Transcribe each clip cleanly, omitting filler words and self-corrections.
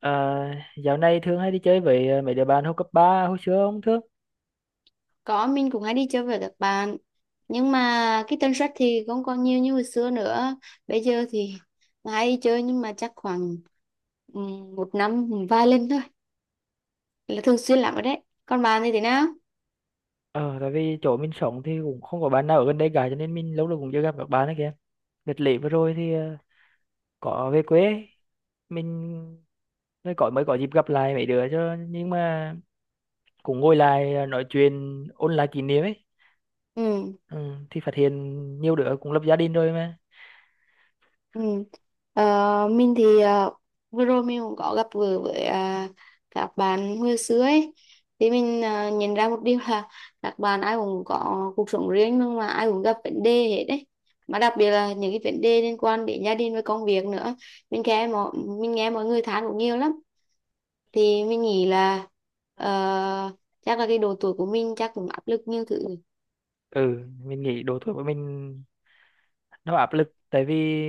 Ờ, dạo này thường hay đi chơi với mấy đứa bạn hồi cấp 3 hồi xưa không Thước? Có, mình cũng hay đi chơi với các bạn. Nhưng mà cái tần suất thì không còn nhiều như hồi xưa nữa. Bây giờ thì hay đi chơi nhưng mà chắc khoảng ừ, một năm vài lần thôi. Là thường xuyên lắm rồi đấy. Còn bạn thì thế nào? Ờ, tại vì chỗ mình sống thì cũng không có bạn nào ở gần đây cả, cho nên mình lâu lâu cũng chưa gặp các bạn ấy kìa. Đợt lễ vừa rồi thì có về quê, mình mới có dịp gặp lại mấy đứa cho, nhưng mà cũng ngồi lại, nói chuyện ôn lại kỷ niệm ấy. Ừ. Ừ, thì phát hiện nhiều đứa cũng lập gia đình rồi mà. Ừ. Ờ, mình thì vừa rồi mình cũng có gặp vừa với các bạn hồi xưa ấy thì mình nhận ra một điều là các bạn ai cũng có cuộc sống riêng nhưng mà ai cũng gặp vấn đề hết đấy, mà đặc biệt là những cái vấn đề liên quan đến gia đình với công việc nữa. mình nghe mọi mình nghe mọi người than cũng nhiều lắm, thì mình nghĩ là ờ, chắc là cái độ tuổi của mình chắc cũng áp lực nhiều thứ. Ừ, mình nghĩ độ tuổi của mình nó áp lực, tại vì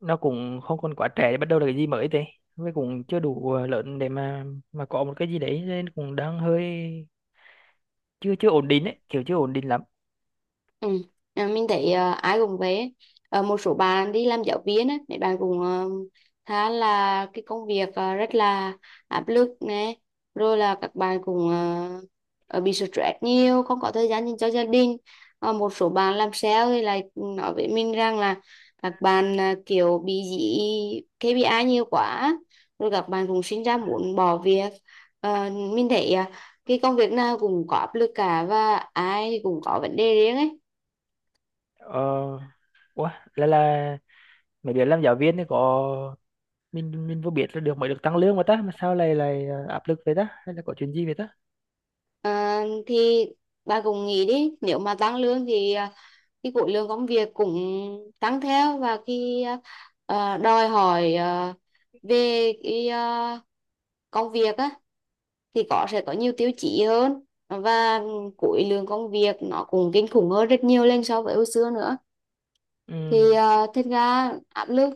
nó cũng không còn quá trẻ để bắt đầu là cái gì mới thế, với cũng chưa đủ lớn để mà có một cái gì đấy, nên cũng đang hơi chưa chưa ổn định ấy, kiểu chưa ổn định lắm. Ừ. Mình thấy ai cũng vậy ấy. Ờ, một số bạn đi làm giáo viên ấy, mấy bạn cũng khá là cái công việc rất là áp lực này, rồi là các bạn cũng bị stress nhiều, không có thời gian dành cho gia đình. Ờ, một số bạn làm sale thì lại nói với mình rằng là các bạn kiểu bị dị KPI nhiều quá, rồi các bạn cũng sinh ra muốn bỏ việc. Ờ, mình thấy cái công việc nào cũng có áp lực cả, và ai thì cũng có vấn đề riêng ấy. Ờ ủa Là mày biết làm giáo viên thì có, mình vừa biết là được mới được tăng lương mà ta, mà sao lại lại áp lực vậy ta, hay là có chuyện gì vậy ta? À, thì bà cũng nghĩ đi, nếu mà tăng lương thì cái khối lượng công việc cũng tăng theo, và khi đòi hỏi về cái công việc á thì có sẽ có nhiều tiêu chí hơn, và khối lượng công việc nó cũng kinh khủng hơn rất nhiều lên so với hồi xưa nữa. Ừ. Thì thật ra áp lực,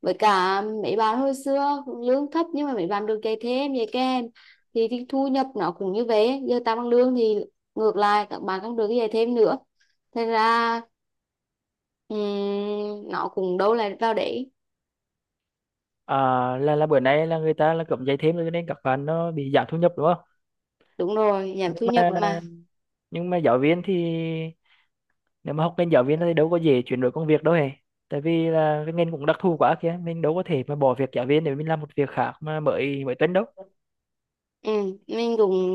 với cả mấy bạn hồi xưa cũng lương thấp nhưng mà mấy bạn được dạy thêm dạy kèm thì thu nhập nó cũng như vậy, giờ tăng bằng lương thì ngược lại các bạn cũng được dạy thêm nữa, thế ra nó cũng đâu lại vào đấy. À, là bữa nay là người ta là cấm dạy thêm rồi cho nên các bạn nó bị giảm thu nhập đúng không? Đúng rồi, giảm nhưng thu nhập mà mà. nhưng mà giáo viên thì, nếu mà học ngành giáo viên thì đâu có dễ chuyển đổi công việc đâu hề, tại vì là cái ngành cũng đặc thù quá kìa, mình đâu có thể mà bỏ việc giáo viên để mình làm một việc khác mà mới mới tính đâu. Ừ, mình cũng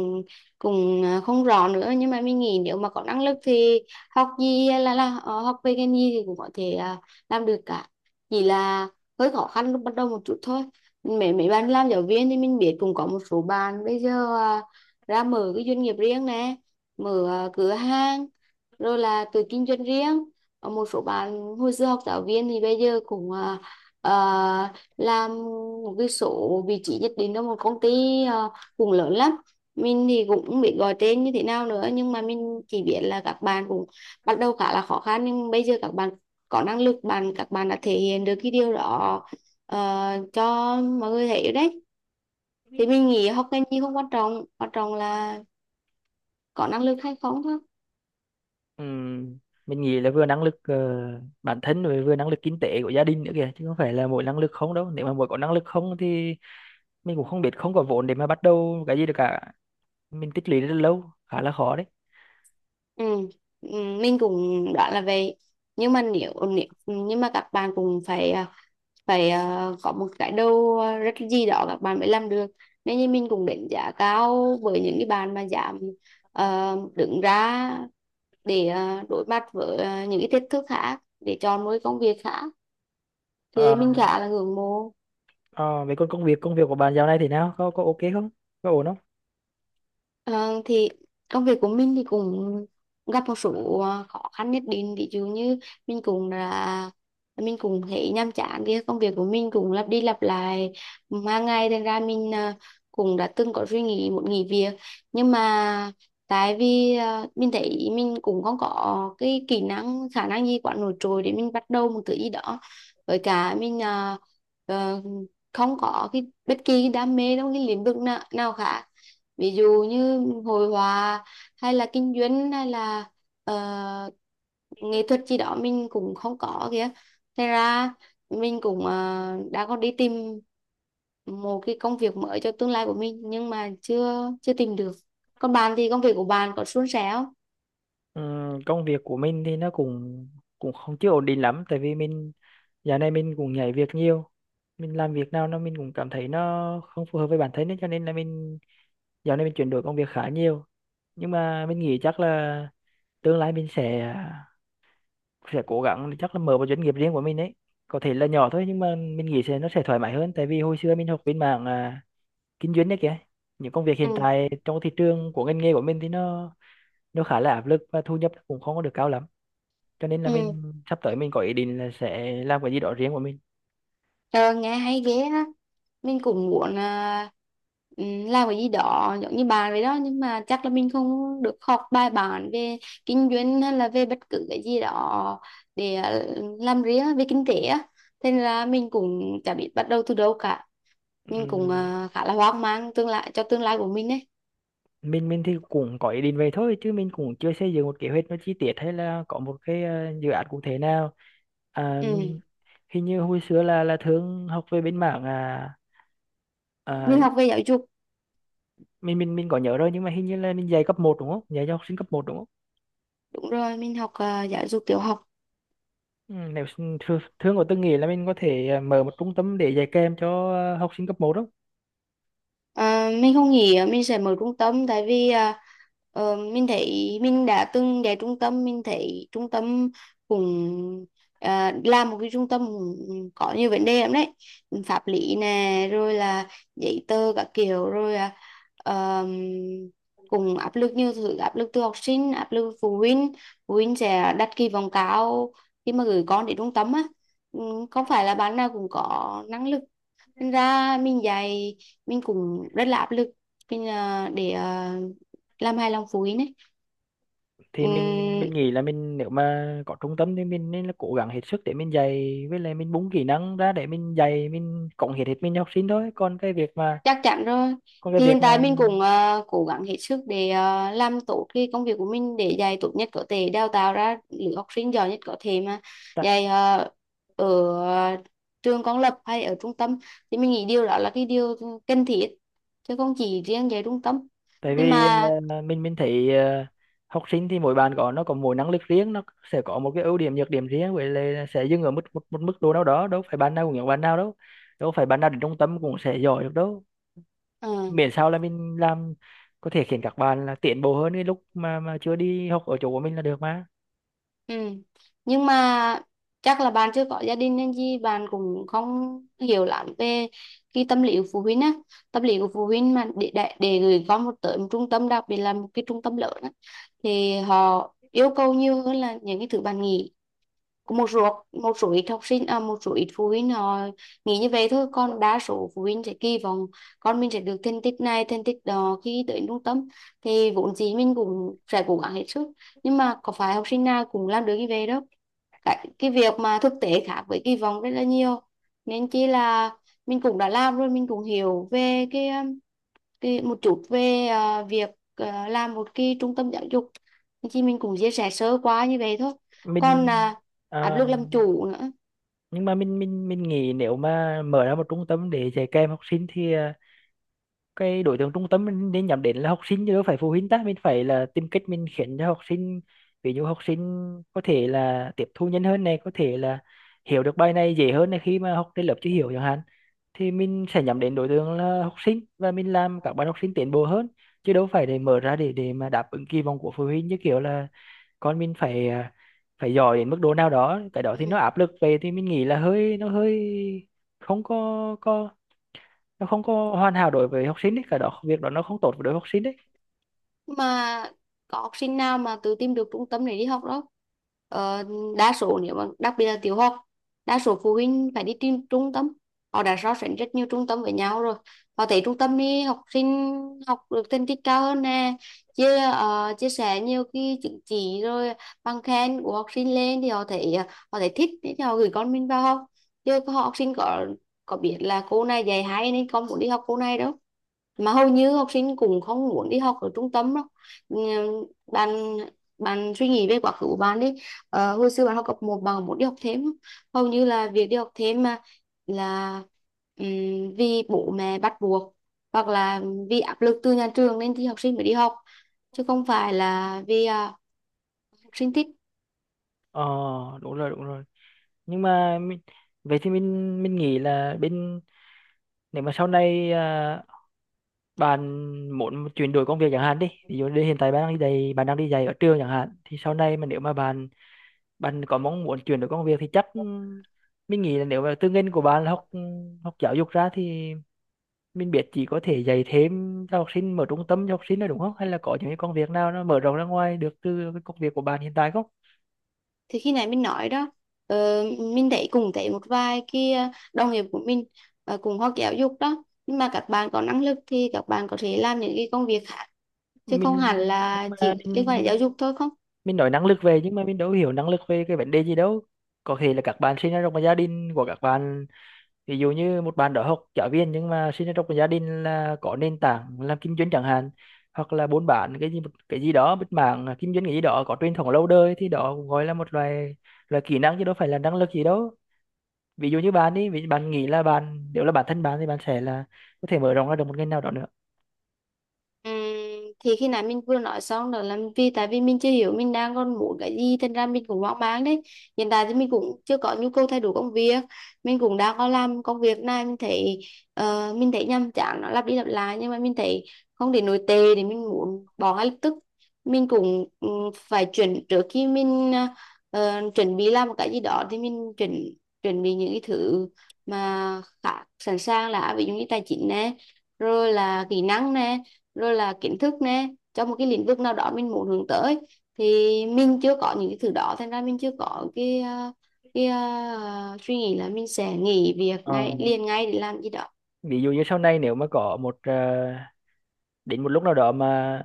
cũng không rõ nữa, nhưng mà mình nghĩ nếu mà có năng lực thì học gì là học về ngành gì thì cũng có thể làm được cả, chỉ là hơi khó khăn lúc bắt đầu một chút thôi. Mấy mấy bạn làm giáo viên thì mình biết cũng có một số bạn bây giờ ra mở cái doanh nghiệp riêng nè, mở cửa hàng, rồi là tự kinh doanh riêng. Ở một số bạn hồi xưa học giáo viên thì bây giờ cũng làm một cái số vị trí nhất định trong một công ty à, cũng lớn lắm. Mình thì cũng không biết gọi tên như thế nào nữa nhưng mà mình chỉ biết là các bạn cũng bắt đầu khá là khó khăn, nhưng bây giờ các bạn có năng lực, bạn các bạn đã thể hiện được cái điều đó ờ, cho mọi người thấy đấy. Thì mình nghĩ học ngành gì không quan trọng, quan trọng là có năng lực hay không thôi. Ừm, mình nghĩ là vừa năng lực bản thân rồi vừa năng lực kinh tế của gia đình nữa kìa, chứ không phải là mỗi năng lực không đâu. Nếu mà mỗi có năng lực không thì mình cũng không biết, không có vốn để mà bắt đầu cái gì được cả. Mình tích lũy rất là lâu, khá là khó đấy. Ừ. Ừ, mình cũng đoán là vậy, nhưng mà nếu, nếu nhưng mà các bạn cũng phải có một cái đầu rất gì đó các bạn mới làm được, nên như mình cũng đánh giá cao với những cái bạn mà dám đứng ra để đối mặt với những cái thách thức khác để chọn một cái công việc khác, Ừ. Thì mình khá là ngưỡng mộ. ờ, vậy còn công việc, công việc của bạn dạo này thế nào, có ok không, có ổn không? Ờ, thì công việc của mình thì cũng gặp một số khó khăn nhất định, ví dụ như mình cũng là mình cũng thấy nhàm chán, thì công việc của mình cũng lặp đi lặp lại hàng ngày, thành ra mình cũng đã từng có suy nghĩ muốn nghỉ việc, nhưng mà tại vì mình thấy mình cũng không có cái kỹ năng khả năng gì quá nổi trội để mình bắt đầu một thứ gì đó, với cả mình ờ, không có cái bất kỳ cái đam mê trong cái lĩnh vực nào khác, ví dụ như hội họa hay là kinh doanh hay là ờ, nghệ thuật gì đó mình cũng không có kìa. Thế ra mình cũng đã có đi tìm một cái công việc mới cho tương lai của mình, nhưng mà chưa chưa tìm được. Còn bạn thì công việc của bạn có suôn sẻ không? Công việc của mình thì nó cũng cũng không, chưa ổn định lắm, tại vì mình dạo này mình cũng nhảy việc nhiều. Mình làm việc nào nó mình cũng cảm thấy nó không phù hợp với bản thân ấy, cho nên là mình dạo này mình chuyển đổi công việc khá nhiều. Nhưng mà mình nghĩ chắc là tương lai mình sẽ cố gắng chắc là mở một doanh nghiệp riêng của mình ấy, có thể là nhỏ thôi, nhưng mà mình nghĩ sẽ nó sẽ thoải mái hơn, tại vì hồi xưa mình học bên mảng, kinh doanh đấy kìa. Những công việc hiện Ừ. tại trong thị trường của ngành nghề của mình thì nó khá là áp lực và thu nhập cũng không có được cao lắm, cho nên là Ừ. mình sắp tới mình có ý định là sẽ làm cái gì đó riêng của mình. Ờ, Nghe hay ghê á, mình cũng muốn là làm cái gì đó giống như bạn vậy đó, nhưng mà chắc là mình không được học bài bản về kinh doanh hay là về bất cứ cái gì đó để làm riêng về kinh tế á, thế nên là mình cũng chả biết bắt đầu từ đâu cả. Mình cũng Ừm, khá là hoang mang tương lai, cho tương lai của mình đấy. mình thì cũng có ý định vậy thôi, chứ mình cũng chưa xây dựng một kế hoạch nó chi tiết hay là có một cái dự án cụ thể nào. À, Ừ. hình như hồi xưa là thương học về bên mảng, Mình à học về giáo dục. mình có nhớ rồi, nhưng mà hình như là mình dạy cấp một đúng không, dạy cho học sinh cấp một đúng không? Đúng rồi, mình học giáo dục tiểu học. Nếu thương, thương có từng nghĩ là mình có thể mở một trung tâm để dạy kèm cho học sinh cấp 1 không? À, mình không nghĩ mình sẽ mở trung tâm, tại vì mình thấy mình đã từng đến trung tâm, mình thấy trung tâm cũng làm một cái trung tâm cũng có nhiều vấn đề lắm đấy. Pháp lý nè, rồi là giấy tờ các kiểu, rồi ờm, cũng áp lực nhiều thứ, áp lực từ học sinh, áp lực phụ huynh. Phụ huynh sẽ đặt kỳ vọng cao khi mà gửi con đến trung tâm á. Ừ, không phải là bạn nào cũng có năng lực nên ra mình dạy mình cũng rất là áp lực, mình để làm hài lòng phụ huynh ấy. Thì mình Ừm, nghĩ là mình, nếu mà có trung tâm thì mình nên là cố gắng hết sức để mình dạy, với lại mình bung kỹ năng ra để mình dạy, mình cống hiến hết mình cho học sinh thôi, còn cái việc mà chắc chắn rồi. còn cái Thì hiện việc mà tại mình cũng cố gắng hết sức để làm tốt cái công việc của mình, để dạy tốt nhất có thể, đào tạo ra lứa học sinh giỏi nhất có thể, mà tại dạy ở à, trường công lập hay ở trung tâm thì mình nghĩ điều đó là cái điều cần thiết, chứ không chỉ riêng dạy trung tâm. tại Nhưng vì mà. ờ, mình thấy, học sinh thì mỗi bạn có nó có mỗi năng lực riêng, nó sẽ có một cái ưu điểm nhược điểm riêng, với lại sẽ dừng ở mức một, một mức độ nào đó, đâu phải bạn nào cũng giống bạn nào đâu, đâu phải bạn nào đến trung tâm cũng sẽ giỏi được đâu. Ừ. Miễn sao là mình làm có thể khiến các bạn là tiến bộ hơn cái lúc mà chưa đi học ở chỗ của mình là được mà. Ừ. Nhưng mà chắc là bạn chưa có gia đình nên gì bạn cũng không hiểu lắm về cái tâm lý của phụ huynh á. Tâm lý của phụ huynh mà để gửi con một tới một trung tâm, đặc biệt là một cái trung tâm lớn á, thì họ yêu cầu nhiều hơn là những cái thứ bạn nghĩ. Có một số ít học sinh à một số ít phụ huynh họ nghĩ như vậy thôi, còn đa số phụ huynh sẽ kỳ vọng con mình sẽ được thành tích này, thành tích đó khi tới trung tâm, thì vốn dĩ mình cũng sẽ cố gắng hết sức. Nhưng mà có phải học sinh nào cũng làm được như vậy đâu, cái việc mà thực tế khác với kỳ vọng rất là nhiều, nên chỉ là mình cũng đã làm rồi mình cũng hiểu về cái một chút về việc làm một cái trung tâm giáo dục, nên chỉ mình cũng chia sẻ sơ qua như vậy thôi. Còn mình áp à, lực làm chủ nữa. nhưng mà mình nghĩ nếu mà mở ra một trung tâm để dạy kèm học sinh thì, cái đối tượng trung tâm mình nên nhắm đến là học sinh chứ đâu phải phụ huynh ta. Mình phải là tìm cách mình khiến cho học sinh, ví dụ học sinh có thể là tiếp thu nhanh hơn này, có thể là hiểu được bài này dễ hơn này, khi mà học trên lớp chưa hiểu chẳng hạn, thì mình sẽ nhắm đến đối tượng là học sinh và mình làm các bạn học sinh tiến bộ hơn, chứ đâu phải để mở ra để mà đáp ứng kỳ vọng của phụ huynh, như kiểu là còn mình phải phải giỏi đến mức độ nào đó, cái đó thì nó áp lực về. Thì mình nghĩ là hơi nó hơi không có có, nó không có Ừ. hoàn hảo đối với học sinh đấy, cái đó việc đó nó không tốt với đối với học sinh đấy. Mà có học sinh nào mà tự tìm được trung tâm để đi học đâu, ờ, đa số nếu mà đặc biệt là tiểu học, đa số phụ huynh phải đi tìm trung tâm, họ đã so sánh rất nhiều trung tâm với nhau rồi, họ thấy trung tâm đi học sinh học được thành tích cao hơn nè, chia sẻ nhiều cái chứng chỉ rồi bằng khen của học sinh lên thì họ thấy thích thì họ gửi con mình vào học. Chứ có học sinh có biết là cô này dạy hay nên con muốn đi học cô này đâu, mà hầu như học sinh cũng không muốn đi học ở trung tâm đâu. Ừm, bạn bạn suy nghĩ về quá khứ của bạn đi. Ờ, hồi xưa bạn học cấp một bạn muốn đi học thêm không? Hầu như là việc đi học thêm mà là vì bố mẹ bắt buộc, hoặc là vì áp lực từ nhà trường nên thì học sinh mới đi học, chứ không phải là vì học sinh thích. Ờ, đúng rồi, đúng rồi. Nhưng mà mình, vậy thì mình nghĩ là bên, nếu mà sau này, bạn muốn chuyển đổi công việc chẳng hạn đi, ví dụ như hiện tại bạn đang đi dạy, bạn đang đi dạy ở trường chẳng hạn, thì sau này mà nếu mà bạn bạn có mong muốn chuyển đổi công việc thì chắc, mình nghĩ là nếu mà tư ngành của bạn là học, học giáo dục ra thì mình biết chỉ có thể dạy thêm cho học sinh, mở trung tâm cho học sinh thôi đúng không, hay là có những cái công việc nào nó mở rộng ra ngoài được từ cái công việc của bạn hiện tại không? Thì khi này mình nói đó, ờ, mình thấy cùng thấy một vài cái đồng nghiệp của mình cùng học giáo dục đó, nhưng mà các bạn có năng lực thì các bạn có thể làm những cái công việc khác, chứ không hẳn mình nhưng là mà chỉ mình liên quan đến giáo mình dục thôi không. mình nói năng lực, về nhưng mà mình đâu hiểu năng lực về cái vấn đề gì đâu. Có thể là các bạn sinh ra trong một gia đình của các bạn, ví dụ như một bạn đó học giáo viên nhưng mà sinh ra trong một gia đình là có nền tảng làm kinh doanh chẳng hạn, hoặc là buôn bán cái gì, một cái gì đó bất mảng kinh doanh cái gì đó có truyền thống lâu đời, thì đó cũng gọi là một loại loại kỹ năng, chứ đâu phải là năng lực gì đâu. Ví dụ như bạn đi, vì bạn nghĩ là bạn, nếu là bản thân bạn thì bạn sẽ là có thể mở rộng ra được một ngành nào đó nữa. Ừm, thì khi nãy mình vừa nói xong đó là vì tại vì mình chưa hiểu mình đang còn muốn cái gì, thành ra mình cũng hoang mang đấy. Hiện tại thì mình cũng chưa có nhu cầu thay đổi công việc, mình cũng đang có làm công việc này mình thấy nhàm chán, nó lặp đi lặp lại, nhưng mà mình thấy không để nổi tệ để mình muốn bỏ ngay lập tức. Mình cũng phải chuẩn trước khi mình chuẩn bị làm một cái gì đó, thì mình chuẩn chuẩn bị những cái thứ mà khá sẵn sàng, là ví dụ như tài chính nè, rồi là kỹ năng nè, rồi là kiến thức nè, trong một cái lĩnh vực nào đó mình muốn hướng tới. Thì mình chưa có những cái thứ đó, thành ra mình chưa có cái suy nghĩ là mình sẽ nghỉ việc Ờ, ngay liền ngay để làm gì đó. ví dụ như sau này nếu mà có một, đến một lúc nào đó mà,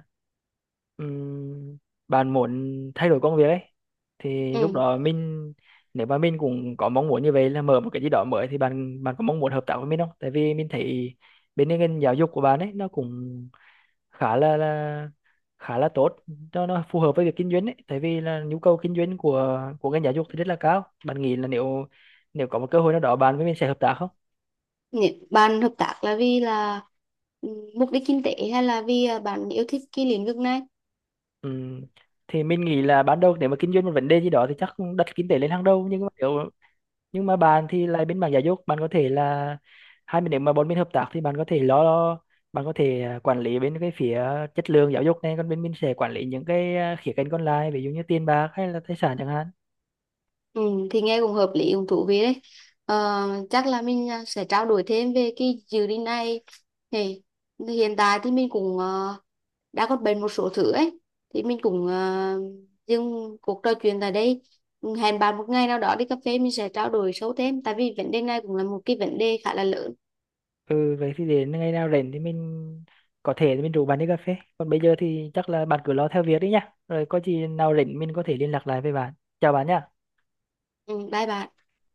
ừm, bạn muốn thay đổi công việc ấy, thì lúc Ừ. đó mình, nếu mà mình cũng có mong muốn như vậy là mở một cái gì đó mới, thì bạn bạn có mong muốn hợp tác với mình không? Tại vì mình thấy bên ngành giáo dục của bạn ấy nó cũng khá là khá là tốt, nó phù hợp với việc kinh doanh ấy, tại vì là nhu cầu kinh doanh của ngành giáo dục thì rất là cao. Bạn nghĩ là nếu nếu có một cơ hội nào đó bạn với mình sẽ hợp tác không? Bạn hợp tác là vì là ừ, mục đích kinh tế, hay là vì bạn yêu thích cái lĩnh vực này? Ừm, thì mình nghĩ là ban đầu nếu mà kinh doanh một vấn đề gì đó thì chắc đặt kinh tế lên hàng đầu, nhưng mà nếu nhưng mà bạn thì lại bên mảng giáo dục, bạn có thể là hai bên, nếu mà bốn bên hợp tác thì bạn có thể lo lo- bạn có thể quản lý bên cái phía chất lượng giáo dục này, còn bên mình sẽ quản lý những cái khía cạnh còn lại, ví dụ như tiền bạc hay là tài sản chẳng hạn. Ừ, thì nghe cũng hợp lý, cũng thú vị đấy. ờ, Chắc là mình sẽ trao đổi thêm về cái dự định này. Thì hiện tại thì mình cũng đã có bệnh một số thứ ấy, thì mình cũng dừng cuộc trò chuyện tại đây, hẹn bạn một ngày nào đó đi cà phê mình sẽ trao đổi sâu thêm, tại vì vấn đề này cũng là một cái vấn đề khá là lớn. Ừ, vậy thì đến ngày nào rảnh thì mình, có thể thì mình rủ bạn đi cà phê, còn bây giờ thì chắc là bạn cứ lo theo việc đi nhá, rồi có gì nào rảnh mình có thể liên lạc lại với bạn. Chào bạn nhá. Ừ, bye bạn.